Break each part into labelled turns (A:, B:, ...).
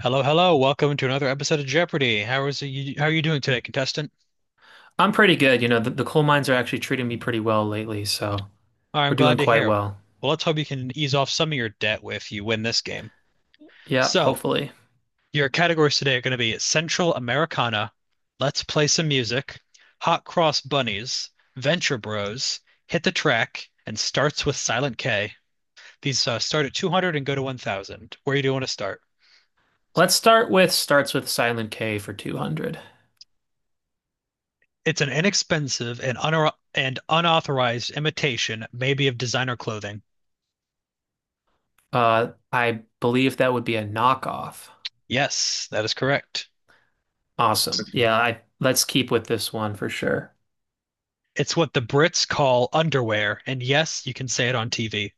A: Hello, hello. Welcome to another episode of Jeopardy. How are you doing today, contestant?
B: I'm pretty good. You know, the coal mines are actually treating me pretty well lately, so
A: All right,
B: we're
A: I'm
B: doing
A: glad to
B: quite
A: hear.
B: well.
A: Well, let's hope you can ease off some of your debt if you win this game.
B: Yeah,
A: So,
B: hopefully.
A: your categories today are going to be Central Americana, Let's Play Some Music, Hot Cross Bunnies, Venture Bros, Hit the Track, and Starts with Silent K. These start at 200 and go to 1000. Where do you want to start?
B: Let's start with starts with Silent K for 200.
A: It's an inexpensive and unauthorized imitation, maybe of designer clothing.
B: I believe that would be a knockoff.
A: Yes, that is correct.
B: Awesome. Yeah, I let's keep with this one for sure.
A: It's what the Brits call underwear, and yes, you can say it on TV.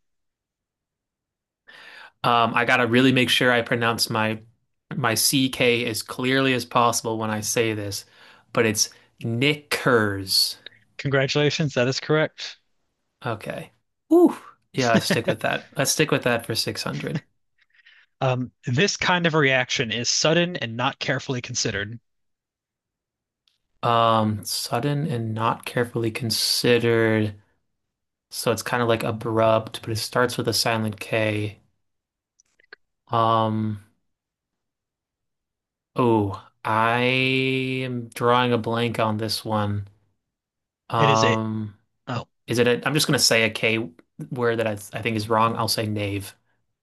B: I gotta really make sure I pronounce my CK as clearly as possible when I say this, but it's Knickers.
A: Congratulations, that is correct.
B: Okay. Ooh. Yeah, let's stick with that. Let's stick with that for 600.
A: This kind of reaction is sudden and not carefully considered.
B: Sudden and not carefully considered. So it's kind of like abrupt, but it starts with a silent K. Um, oh, I am drawing a blank on this one.
A: It is a,
B: Um,
A: oh,
B: is it a, I'm just gonna say a K word that I think is wrong. I'll say knave.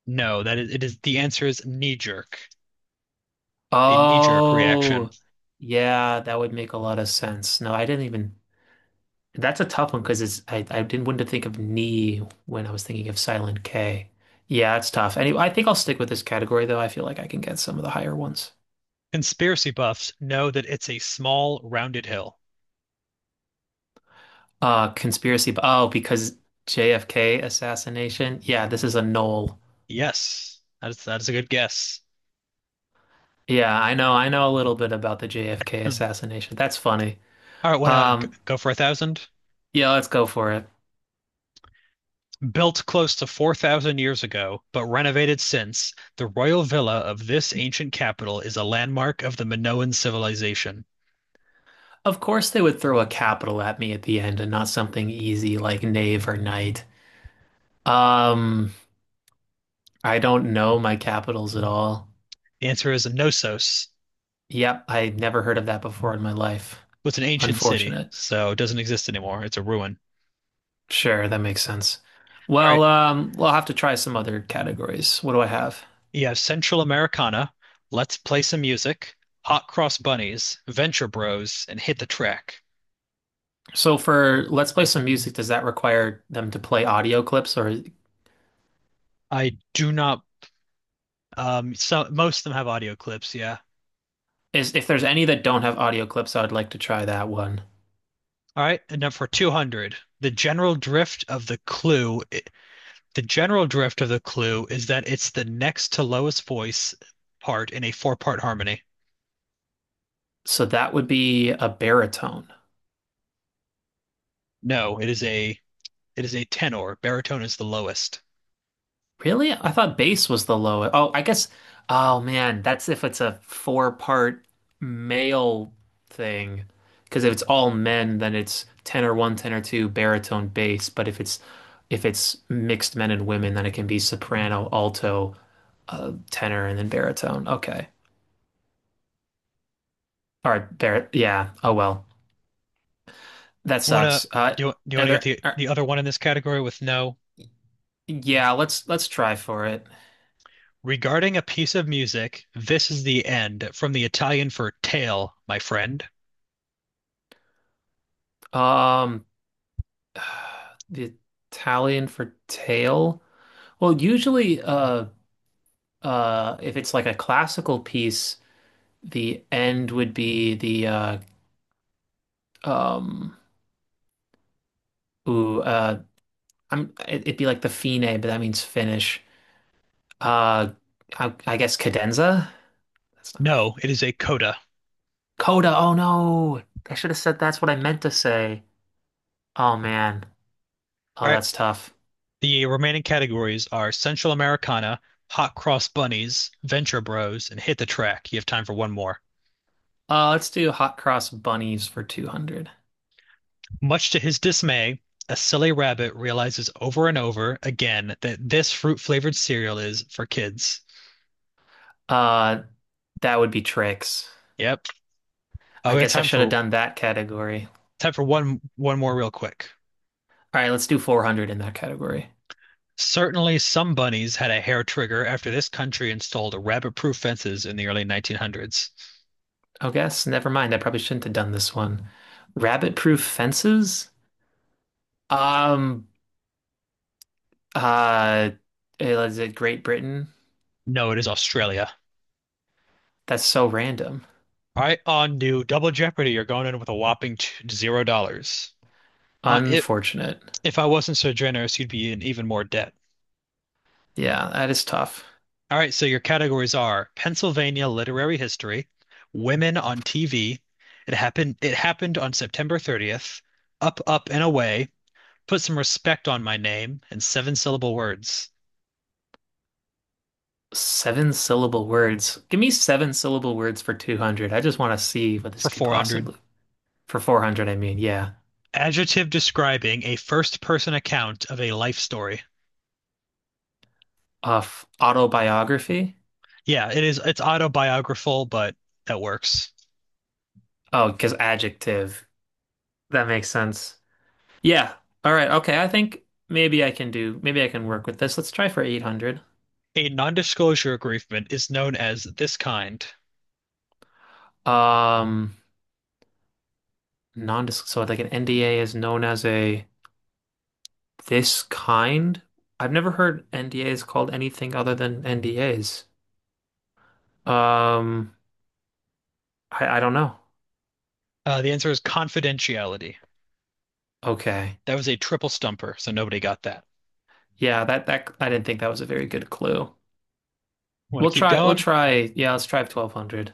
A: No, it is, the answer is knee jerk, a knee jerk reaction.
B: Oh, yeah, that would make a lot of sense. No, I didn't even that's a tough one because it's I didn't want to think of knee when I was thinking of silent K. Yeah, it's tough. Anyway, I think I'll stick with this category though. I feel like I can get some of the higher ones.
A: Conspiracy buffs know that it's a small, rounded hill.
B: Conspiracy. Oh, because JFK assassination. Yeah, this is a null.
A: Yes, that is a good guess.
B: Yeah, I know. I know a little bit about the JFK
A: Hmm.
B: assassination. That's funny.
A: All right, want to
B: Um,
A: go for a thousand?
B: yeah, let's go for it.
A: Built close to 4,000 years ago, but renovated since, the royal villa of this ancient capital is a landmark of the Minoan civilization.
B: Of course, they would throw a capital at me at the end and not something easy like knave or knight. Um, I don't know my capitals at all.
A: The answer is Knossos.
B: Yep, I never heard of that before in my life.
A: It's an ancient city,
B: Unfortunate.
A: so it doesn't exist anymore. It's a ruin.
B: Sure, that makes sense.
A: All right.
B: Well, we'll have to try some other categories. What do I have?
A: You have Central Americana, Let's Play Some Music, Hot Cross Bunnies, Venture Bros, and Hit the Track.
B: So for Let's Play Some Music, does that require them to play audio clips, or
A: I do not, so most of them have audio clips, yeah.
B: is if there's any that don't have audio clips, I would like to try that one.
A: All right, and now for 200. The general drift of the clue is that it's the next to lowest voice part in a four-part harmony.
B: So that would be a baritone.
A: No, it is a tenor. Baritone is the lowest.
B: Really? I thought bass was the lowest. Oh, I guess. Oh man, that's if it's a four-part male thing. Because if it's all men, then it's tenor one, tenor two, baritone, bass. But if it's mixed men and women, then it can be soprano, alto, tenor, and then baritone. Okay. All right. Bar yeah. Oh well. That
A: Wanna
B: sucks.
A: do you, do you
B: Are
A: wanna get
B: there?
A: the
B: Are,
A: the other one in this category with no?
B: yeah. Let's try for it.
A: Regarding a piece of music, this is the end from the Italian for tail, my friend.
B: Um, the Italian for tail. Well, usually, if it's like a classical piece, the end would be the um, ooh, uh, I'm it'd be like the fine, but that means finish. Uh, I guess cadenza. That's not right.
A: No, it is a coda.
B: Coda. Oh no, I should have said that's what I meant to say. Oh man. Oh,
A: All right,
B: that's tough.
A: the remaining categories are Central Americana, Hot Cross Bunnies, Venture Bros, and Hit the Track. You have time for one more.
B: Let's do hot cross bunnies for 200.
A: Much to his dismay, a silly rabbit realizes over and over again that this fruit-flavored cereal is for kids.
B: Uh, that would be tricks.
A: Yep. Oh,
B: I
A: we have
B: guess I
A: time
B: should have
A: for
B: done that category.
A: one more real quick.
B: All right, let's do 400 in that category.
A: Certainly some bunnies had a hair trigger after this country installed rabbit-proof fences in the early 1900s.
B: Oh, guess. Never mind. I probably shouldn't have done this one. Rabbit-proof fences? Um, uh, is it Great Britain?
A: No, it is Australia.
B: That's so random.
A: All right, on to Double Jeopardy. You're going in with a whopping $0. Uh, if
B: Unfortunate.
A: if I wasn't so generous, you'd be in even more debt.
B: Yeah, that is tough.
A: All right, so your categories are Pennsylvania literary history, women on TV, it happened on September 30th, up up and away, put some respect on my name and seven syllable words
B: Seven syllable words. Give me seven syllable words for 200. I just want to see what this
A: for
B: could
A: 400.
B: possibly. For 400, I mean, yeah.
A: Adjective describing a first person account of a life story.
B: Autobiography?
A: Yeah, it's autobiographical, but that works.
B: Oh, because adjective. That makes sense. Yeah. All right. Okay. I think maybe I can work with this. Let's try for 800.
A: A non-disclosure agreement is known as this kind.
B: Um, non so like an NDA is known as a this kind. I've never heard NDAs called anything other than NDAs. Um, I don't know.
A: The answer is confidentiality.
B: Okay.
A: That was a triple stumper, so nobody got that.
B: Yeah, that I didn't think that was a very good clue.
A: Want to keep
B: We'll
A: going?
B: try yeah, let's try 1200.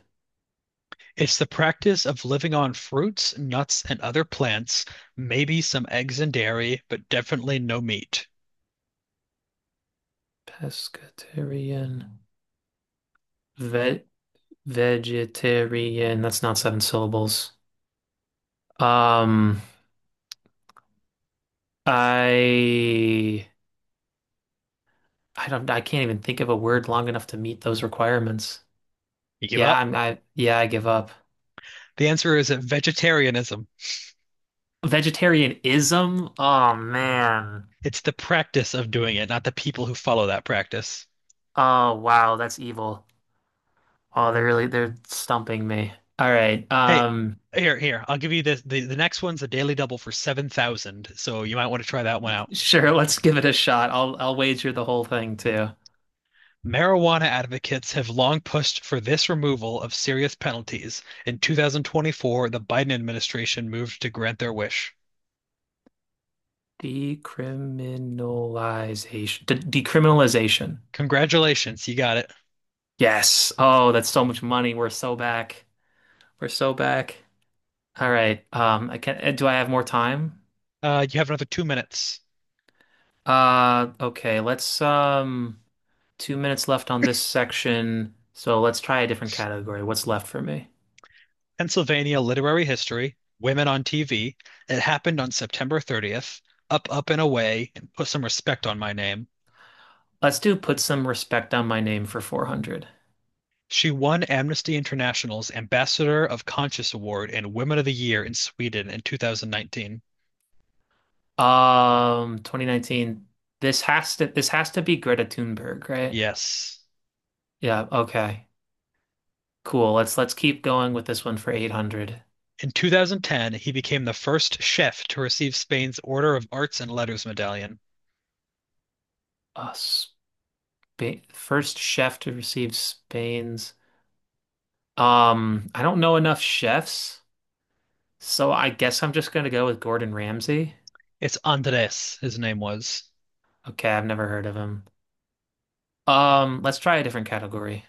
A: It's the practice of living on fruits, nuts, and other plants, maybe some eggs and dairy, but definitely no meat.
B: Pescatarian ve vegetarian. That's not seven syllables. Um, I I don't I can't even think of a word long enough to meet those requirements.
A: You give
B: Yeah,
A: up?
B: I'm I yeah, I give up.
A: The answer is vegetarianism.
B: Vegetarianism? Oh man.
A: It's the practice of doing it, not the people who follow that practice.
B: Oh wow, that's evil. Oh, they're stumping me. All right.
A: Hey, here, here, I'll give you this. The next one's a daily double for 7,000, so you might want to try that one out.
B: Sure, let's give it a shot. I'll wager the whole thing too.
A: Marijuana advocates have long pushed for this removal of serious penalties. In 2024, the Biden administration moved to grant their wish.
B: Decriminalization. De decriminalization.
A: Congratulations, you got it.
B: Yes. Oh, that's so much money. We're so back. We're so back. All right. I can do I have more time?
A: You have another 2 minutes.
B: Okay, let's 2 minutes left on this section, so let's try a different category. What's left for me?
A: Pennsylvania literary history, women on TV. It happened on September 30th. Up, up, and away, and put some respect on my name.
B: Let's do put some respect on my name for 400.
A: She won Amnesty International's Ambassador of Conscience Award and Women of the Year in Sweden in 2019.
B: 2019. This has to be Greta Thunberg, right?
A: Yes.
B: Yeah, okay. Cool. Let's keep going with this one for 800.
A: In 2010, he became the first chef to receive Spain's Order of Arts and Letters medallion.
B: Uh, Spain, first chef to receive Spain's. I don't know enough chefs, so I guess I'm just gonna go with Gordon Ramsay.
A: It's Andres, his name was.
B: Okay, I've never heard of him. Let's try a different category.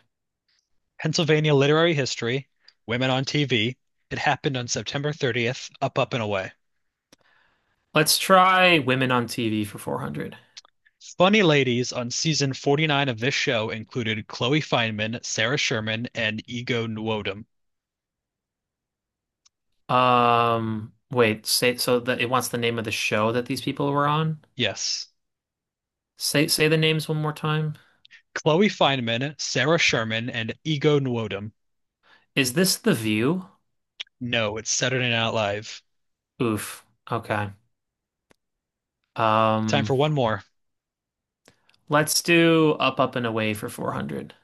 A: Pennsylvania Literary History, Women on TV. It happened on September 30th, Up, Up, and Away.
B: Let's try women on TV for 400.
A: Funny ladies on season 49 of this show included Chloe Fineman, Sarah Sherman, and Ego Nwodim.
B: Wait, say so that it wants the name of the show that these people were on.
A: Yes.
B: Say the names one more time.
A: Chloe Fineman, Sarah Sherman, and Ego Nwodim.
B: Is this The View?
A: No, it's Saturday Night Live.
B: Oof. Okay.
A: Time
B: Um,
A: for one more.
B: let's do Up, Up and Away for 400.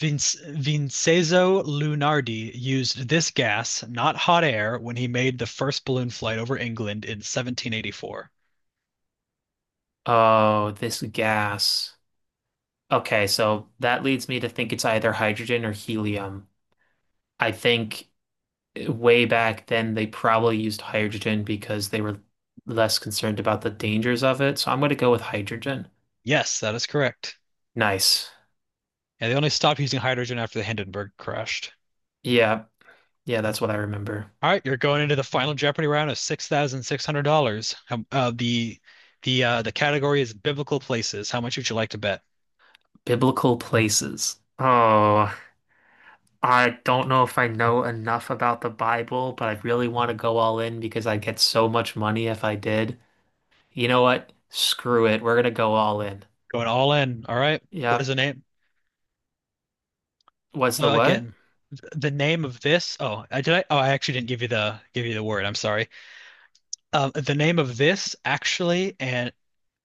A: Vincenzo Lunardi used this gas, not hot air, when he made the first balloon flight over England in 1784.
B: Oh, this gas. Okay, so that leads me to think it's either hydrogen or helium. I think way back then they probably used hydrogen because they were less concerned about the dangers of it. So I'm going to go with hydrogen.
A: Yes, that is correct.
B: Nice.
A: Yeah, they only stopped using hydrogen after the Hindenburg crashed.
B: Yeah. Yeah, that's what I remember.
A: All right, you're going into the final Jeopardy round of $6,600. The category is biblical places. How much would you like to bet?
B: Biblical places. Oh, I don't know if I know enough about the Bible, but I really want to go all in because I'd get so much money if I did. You know what? Screw it. We're going to go all in.
A: Going all in. All right. What is
B: Yep.
A: the name?
B: What's the
A: So
B: what?
A: again, the name of this. Oh, I did I. Oh, I actually didn't give you the word. I'm sorry. Um, the name of this actually and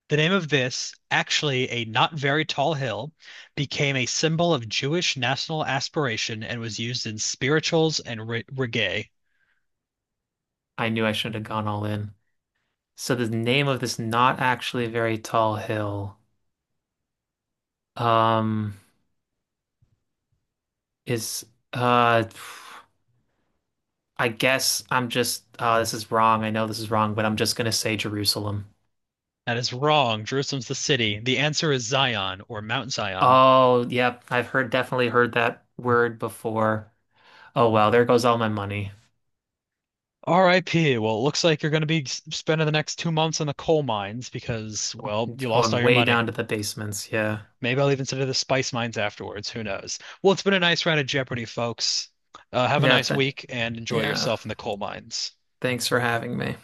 A: The name of this, actually a not very tall hill, became a symbol of Jewish national aspiration and was used in spirituals and re reggae.
B: I knew I shouldn't have gone all in. So the name of this not actually very tall hill. Um, is uh, I guess I'm just oh, this is wrong. I know this is wrong, but I'm just gonna say Jerusalem.
A: That is wrong. Jerusalem's the city. The answer is Zion or Mount Zion.
B: Oh, yep, I've heard definitely heard that word before. Oh well, there goes all my money.
A: RIP. Well, it looks like you're going to be spending the next 2 months in the coal mines because, well,
B: It's
A: you lost all
B: going
A: your
B: way
A: money.
B: down to the basements. Yeah,
A: Maybe I'll even consider the spice mines afterwards. Who knows? Well, it's been a nice round of Jeopardy, folks. Have a
B: yeah,
A: nice
B: th
A: week and enjoy
B: yeah.
A: yourself in the coal mines.
B: Thanks for having me.